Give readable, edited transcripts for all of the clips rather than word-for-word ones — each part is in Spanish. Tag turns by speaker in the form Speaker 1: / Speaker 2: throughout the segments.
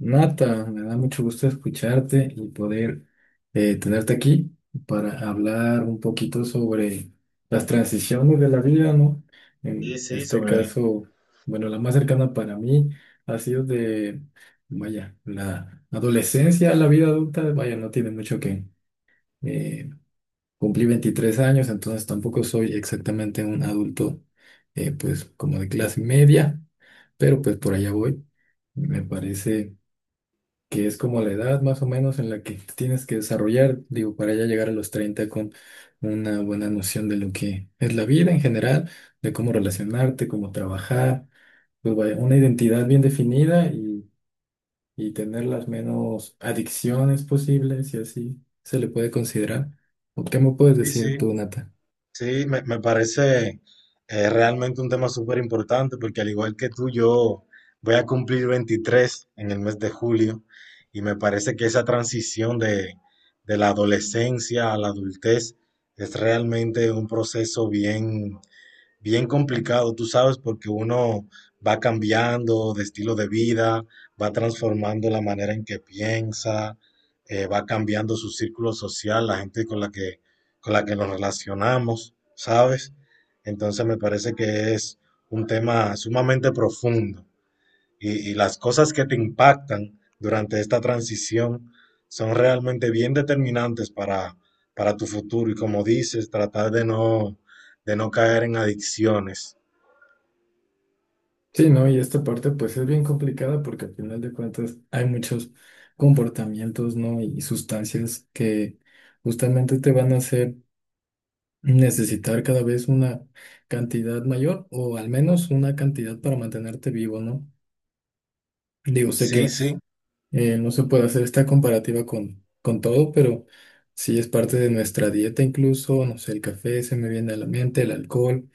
Speaker 1: Nata, me da mucho gusto escucharte y poder tenerte aquí para hablar un poquito sobre las transiciones de la vida, ¿no?
Speaker 2: Sí,
Speaker 1: En
Speaker 2: sí,
Speaker 1: este caso, bueno, la más cercana para mí ha sido de, vaya, la adolescencia a la vida adulta, vaya, no tiene mucho que... eh, cumplí 23 años, entonces tampoco soy exactamente un adulto, pues como de clase media, pero pues por allá voy. Me parece que es como la edad más o menos en la que te tienes que desarrollar, digo, para ya llegar a los 30 con una buena noción de lo que es la vida en general, de cómo relacionarte, cómo trabajar, pues vaya, una identidad bien definida y tener las menos adicciones posibles, y así se le puede considerar. ¿O qué me puedes
Speaker 2: Sí,
Speaker 1: decir
Speaker 2: sí,
Speaker 1: tú, Nata?
Speaker 2: sí, me parece realmente un tema súper importante porque al igual que tú, yo voy a cumplir 23 en el mes de julio y me parece que esa transición de la adolescencia a la adultez es realmente un proceso bien bien complicado, tú sabes, porque uno va cambiando de estilo de vida, va transformando la manera en que piensa, va cambiando su círculo social, la gente con la que nos relacionamos, ¿sabes? Entonces me parece que es un tema sumamente profundo y las cosas que te impactan durante esta transición son realmente bien determinantes para tu futuro y como dices, tratar de no caer en adicciones.
Speaker 1: Sí, no, y esta parte pues es bien complicada porque al final de cuentas hay muchos comportamientos, ¿no? Y sustancias que justamente te van a hacer necesitar cada vez una cantidad mayor o al menos una cantidad para mantenerte vivo, ¿no? Digo, sé
Speaker 2: Sí,
Speaker 1: que
Speaker 2: sí.
Speaker 1: no se puede hacer esta comparativa con todo, pero sí es parte de nuestra dieta incluso, no sé, el café se me viene a la mente, el alcohol,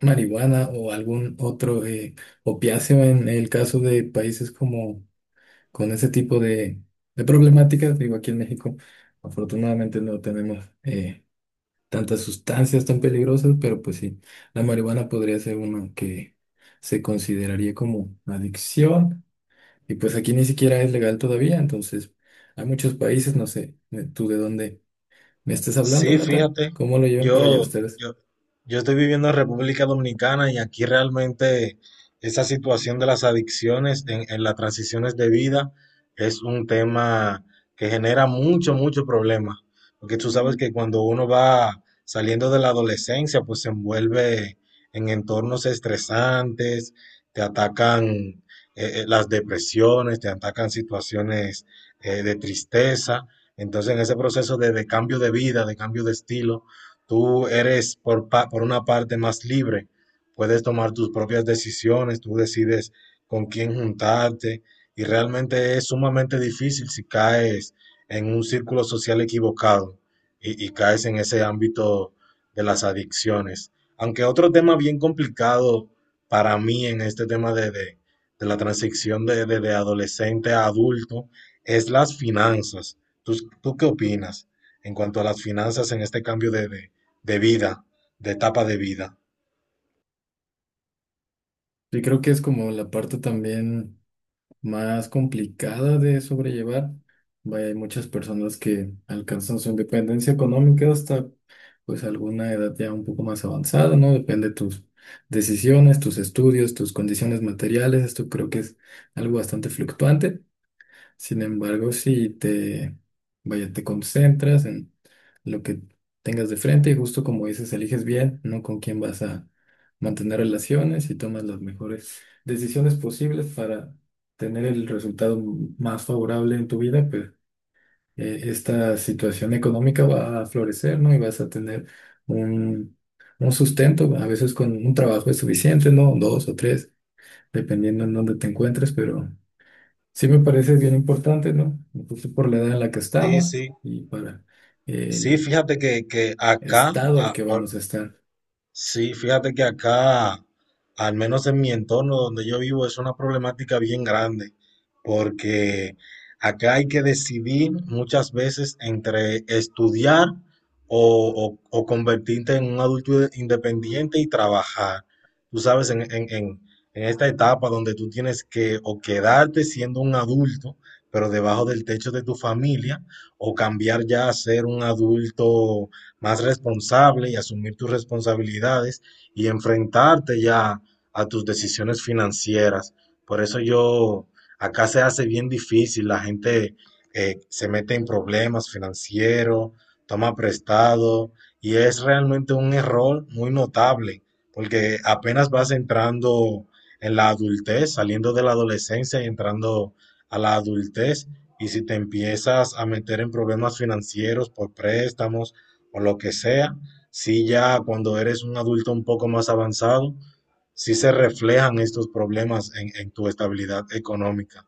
Speaker 1: marihuana o algún otro opiáceo en el caso de países como con ese tipo de problemáticas, digo, aquí en México afortunadamente no tenemos... tantas sustancias tan peligrosas, pero pues sí, la marihuana podría ser una que se consideraría como adicción y pues aquí ni siquiera es legal todavía, entonces hay muchos países, no sé tú de dónde me estás hablando,
Speaker 2: Sí,
Speaker 1: Nata,
Speaker 2: fíjate,
Speaker 1: cómo lo llevan por allá
Speaker 2: yo,
Speaker 1: ustedes.
Speaker 2: yo, yo estoy viviendo en República Dominicana y aquí realmente esa situación de las adicciones en las transiciones de vida es un tema que genera mucho, mucho problema. Porque tú sabes que cuando uno va saliendo de la adolescencia, pues se envuelve en entornos estresantes, te atacan las depresiones, te atacan situaciones de tristeza. Entonces, en ese proceso de cambio de vida, de cambio de estilo, tú eres por una parte más libre, puedes tomar tus propias decisiones, tú decides con quién juntarte y realmente es sumamente difícil si caes en un círculo social equivocado y caes en ese ámbito de las adicciones. Aunque otro tema bien complicado para mí en este tema de la transición de adolescente a adulto es las finanzas. ¿Tú, tú qué opinas en cuanto a las finanzas en este cambio de vida, de etapa de vida?
Speaker 1: Yo creo que es como la parte también más complicada de sobrellevar. Vaya, hay muchas personas que alcanzan su independencia económica hasta pues alguna edad ya un poco más avanzada, ¿no? Depende de tus decisiones, tus estudios, tus condiciones materiales. Esto creo que es algo bastante fluctuante. Sin embargo, si te, vaya, te concentras en lo que tengas de frente y justo como dices, eliges bien, ¿no? Con quién vas a mantener relaciones y tomas las mejores decisiones posibles para tener el resultado más favorable en tu vida, pues esta situación económica va a florecer, ¿no? Y vas a tener un, un sustento, a veces con un trabajo es suficiente, ¿no? Dos o tres, dependiendo en dónde te encuentres, pero... Sí me parece bien importante, ¿no? Justo por la edad en la que
Speaker 2: Sí,
Speaker 1: estamos
Speaker 2: sí.
Speaker 1: y para
Speaker 2: Sí,
Speaker 1: el
Speaker 2: fíjate que, que acá,
Speaker 1: estado al
Speaker 2: a-
Speaker 1: que
Speaker 2: por-
Speaker 1: vamos a estar.
Speaker 2: Sí, fíjate que acá, al menos en mi entorno donde yo vivo, es una problemática bien grande, porque acá hay que decidir muchas veces entre estudiar o convertirte en un adulto independiente y trabajar. Tú sabes, en esta etapa donde tú tienes que o quedarte siendo un adulto, pero debajo del techo de tu familia, o cambiar ya a ser un adulto más responsable y asumir tus responsabilidades y enfrentarte ya a tus decisiones financieras. Por eso yo, acá se hace bien difícil, la gente se mete en problemas financieros, toma prestado y es realmente un error muy notable porque apenas vas entrando en la adultez, saliendo de la adolescencia y entrando a la adultez. Y si te empiezas a meter en problemas financieros por préstamos, o lo que sea, sí ya cuando eres un adulto un poco más avanzado, sí se reflejan estos problemas en tu estabilidad económica.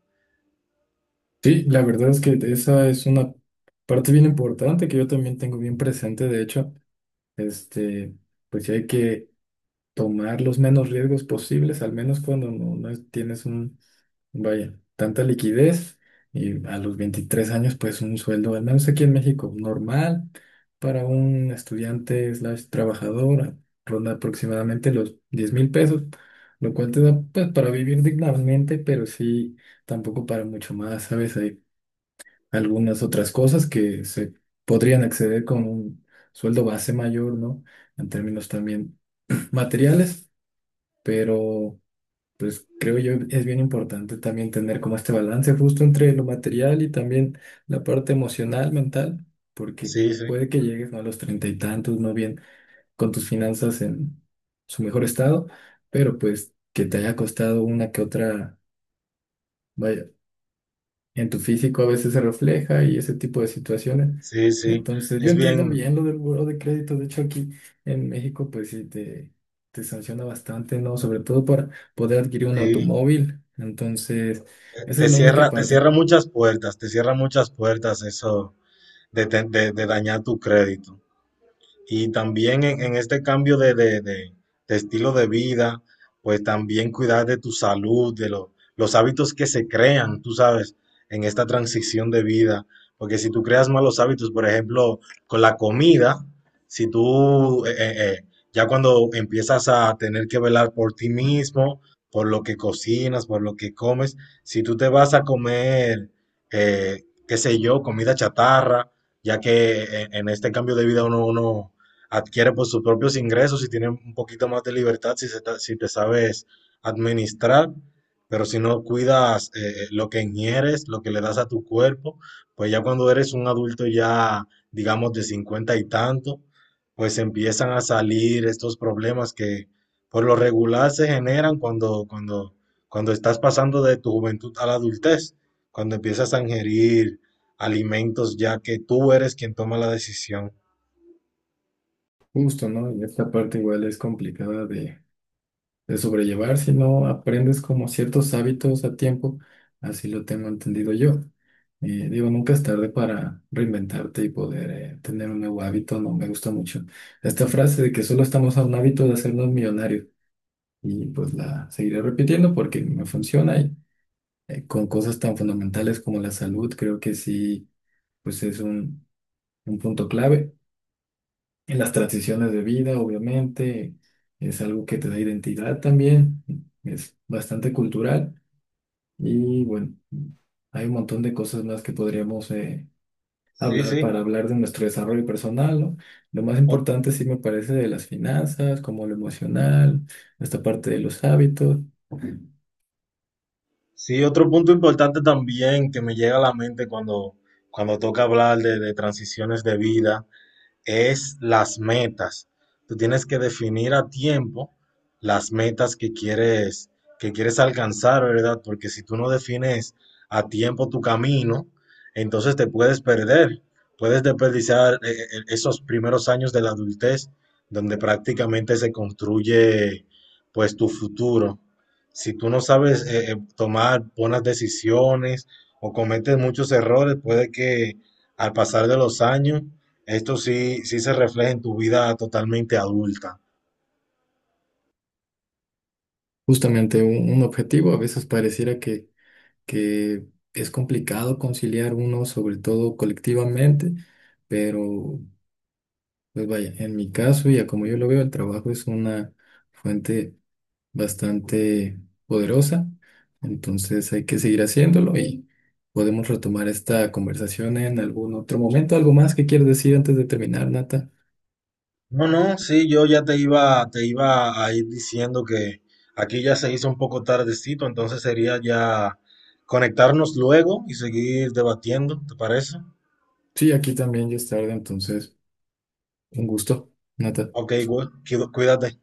Speaker 1: Sí, la verdad es que esa es una parte bien importante que yo también tengo bien presente. De hecho, este, pues sí hay que tomar los menos riesgos posibles, al menos cuando no tienes vaya, tanta liquidez y a los 23 años pues un sueldo, al menos aquí en México, normal para un estudiante slash trabajador, ronda aproximadamente los 10,000 pesos, lo cual te da pues para vivir dignamente, pero sí tampoco para mucho más, ¿sabes? Hay algunas otras cosas que se podrían acceder con un sueldo base mayor, ¿no? En términos también materiales, pero... Pues creo yo es bien importante también tener como este balance justo entre lo material y también la parte emocional, mental, porque
Speaker 2: Sí, sí,
Speaker 1: puede que llegues, ¿no?, a los treinta y tantos, no bien con tus finanzas en su mejor estado, pero pues que te haya costado una que otra, vaya, en tu físico a veces se refleja y ese tipo de situaciones.
Speaker 2: sí, sí.
Speaker 1: Entonces, yo
Speaker 2: Es
Speaker 1: entiendo
Speaker 2: bien,
Speaker 1: bien lo del buró de crédito. De hecho, aquí en México, pues sí, te sanciona bastante, ¿no? Sobre todo para poder adquirir un
Speaker 2: sí.
Speaker 1: automóvil. Entonces, esa es
Speaker 2: Te
Speaker 1: la única
Speaker 2: cierra, te
Speaker 1: parte.
Speaker 2: cierra muchas puertas, te cierra muchas puertas eso de dañar tu crédito. Y también en este cambio de estilo de vida, pues también cuidar de tu salud, de los hábitos que se crean, tú sabes, en esta transición de vida. Porque si tú creas malos hábitos, por ejemplo, con la comida, si tú ya cuando empiezas a tener que velar por ti mismo, por lo que cocinas, por lo que comes, si tú te vas a comer, qué sé yo, comida chatarra, ya que en este cambio de vida uno adquiere por sus propios ingresos y tiene un poquito más de libertad si te sabes administrar, pero si no cuidas lo que ingieres, lo que le das a tu cuerpo, pues ya cuando eres un adulto ya, digamos, de 50 y tanto, pues empiezan a salir estos problemas que por lo regular se generan cuando estás pasando de tu juventud a la adultez, cuando empiezas a ingerir alimentos ya que tú eres quien toma la decisión.
Speaker 1: Justo, ¿no? Y esta parte igual es complicada de sobrellevar, sino aprendes como ciertos hábitos a tiempo, así lo tengo entendido yo. Digo, nunca es tarde para reinventarte y poder tener un nuevo hábito, no me gusta mucho. Esta frase de que solo estamos a un hábito de hacernos millonarios y pues la seguiré repitiendo porque me funciona y con cosas tan fundamentales como la salud, creo que sí, pues es un punto clave. En las transiciones de vida, obviamente, es algo que te da identidad también, es bastante cultural. Y bueno, hay un montón de cosas más que podríamos
Speaker 2: Sí,
Speaker 1: hablar
Speaker 2: sí.
Speaker 1: para hablar de nuestro desarrollo personal, ¿no? Lo más
Speaker 2: Ot-
Speaker 1: importante sí me parece de las finanzas, como lo emocional, esta parte de los hábitos.
Speaker 2: Sí, otro punto importante también que me llega a la mente cuando toca hablar de transiciones de vida es las metas. Tú tienes que definir a tiempo las metas que quieres alcanzar, ¿verdad? Porque si tú no defines a tiempo tu camino, entonces te puedes perder, puedes desperdiciar esos primeros años de la adultez donde prácticamente se construye pues tu futuro. Si tú no sabes tomar buenas decisiones o cometes muchos errores, puede que al pasar de los años esto sí, sí se refleja en tu vida totalmente adulta.
Speaker 1: Justamente un objetivo, a veces pareciera que es complicado conciliar uno, sobre todo colectivamente, pero pues vaya, en mi caso y a como yo lo veo, el trabajo es una fuente bastante poderosa. Entonces hay que seguir haciéndolo y podemos retomar esta conversación en algún otro momento. ¿Algo más que quieres decir antes de terminar, Nata?
Speaker 2: No, no, sí, yo ya te iba a ir diciendo que aquí ya se hizo un poco tardecito, entonces sería ya conectarnos luego y seguir debatiendo, ¿te parece?
Speaker 1: Sí, aquí también ya es tarde, entonces un gusto, Nata.
Speaker 2: Ok, güey, cuídate.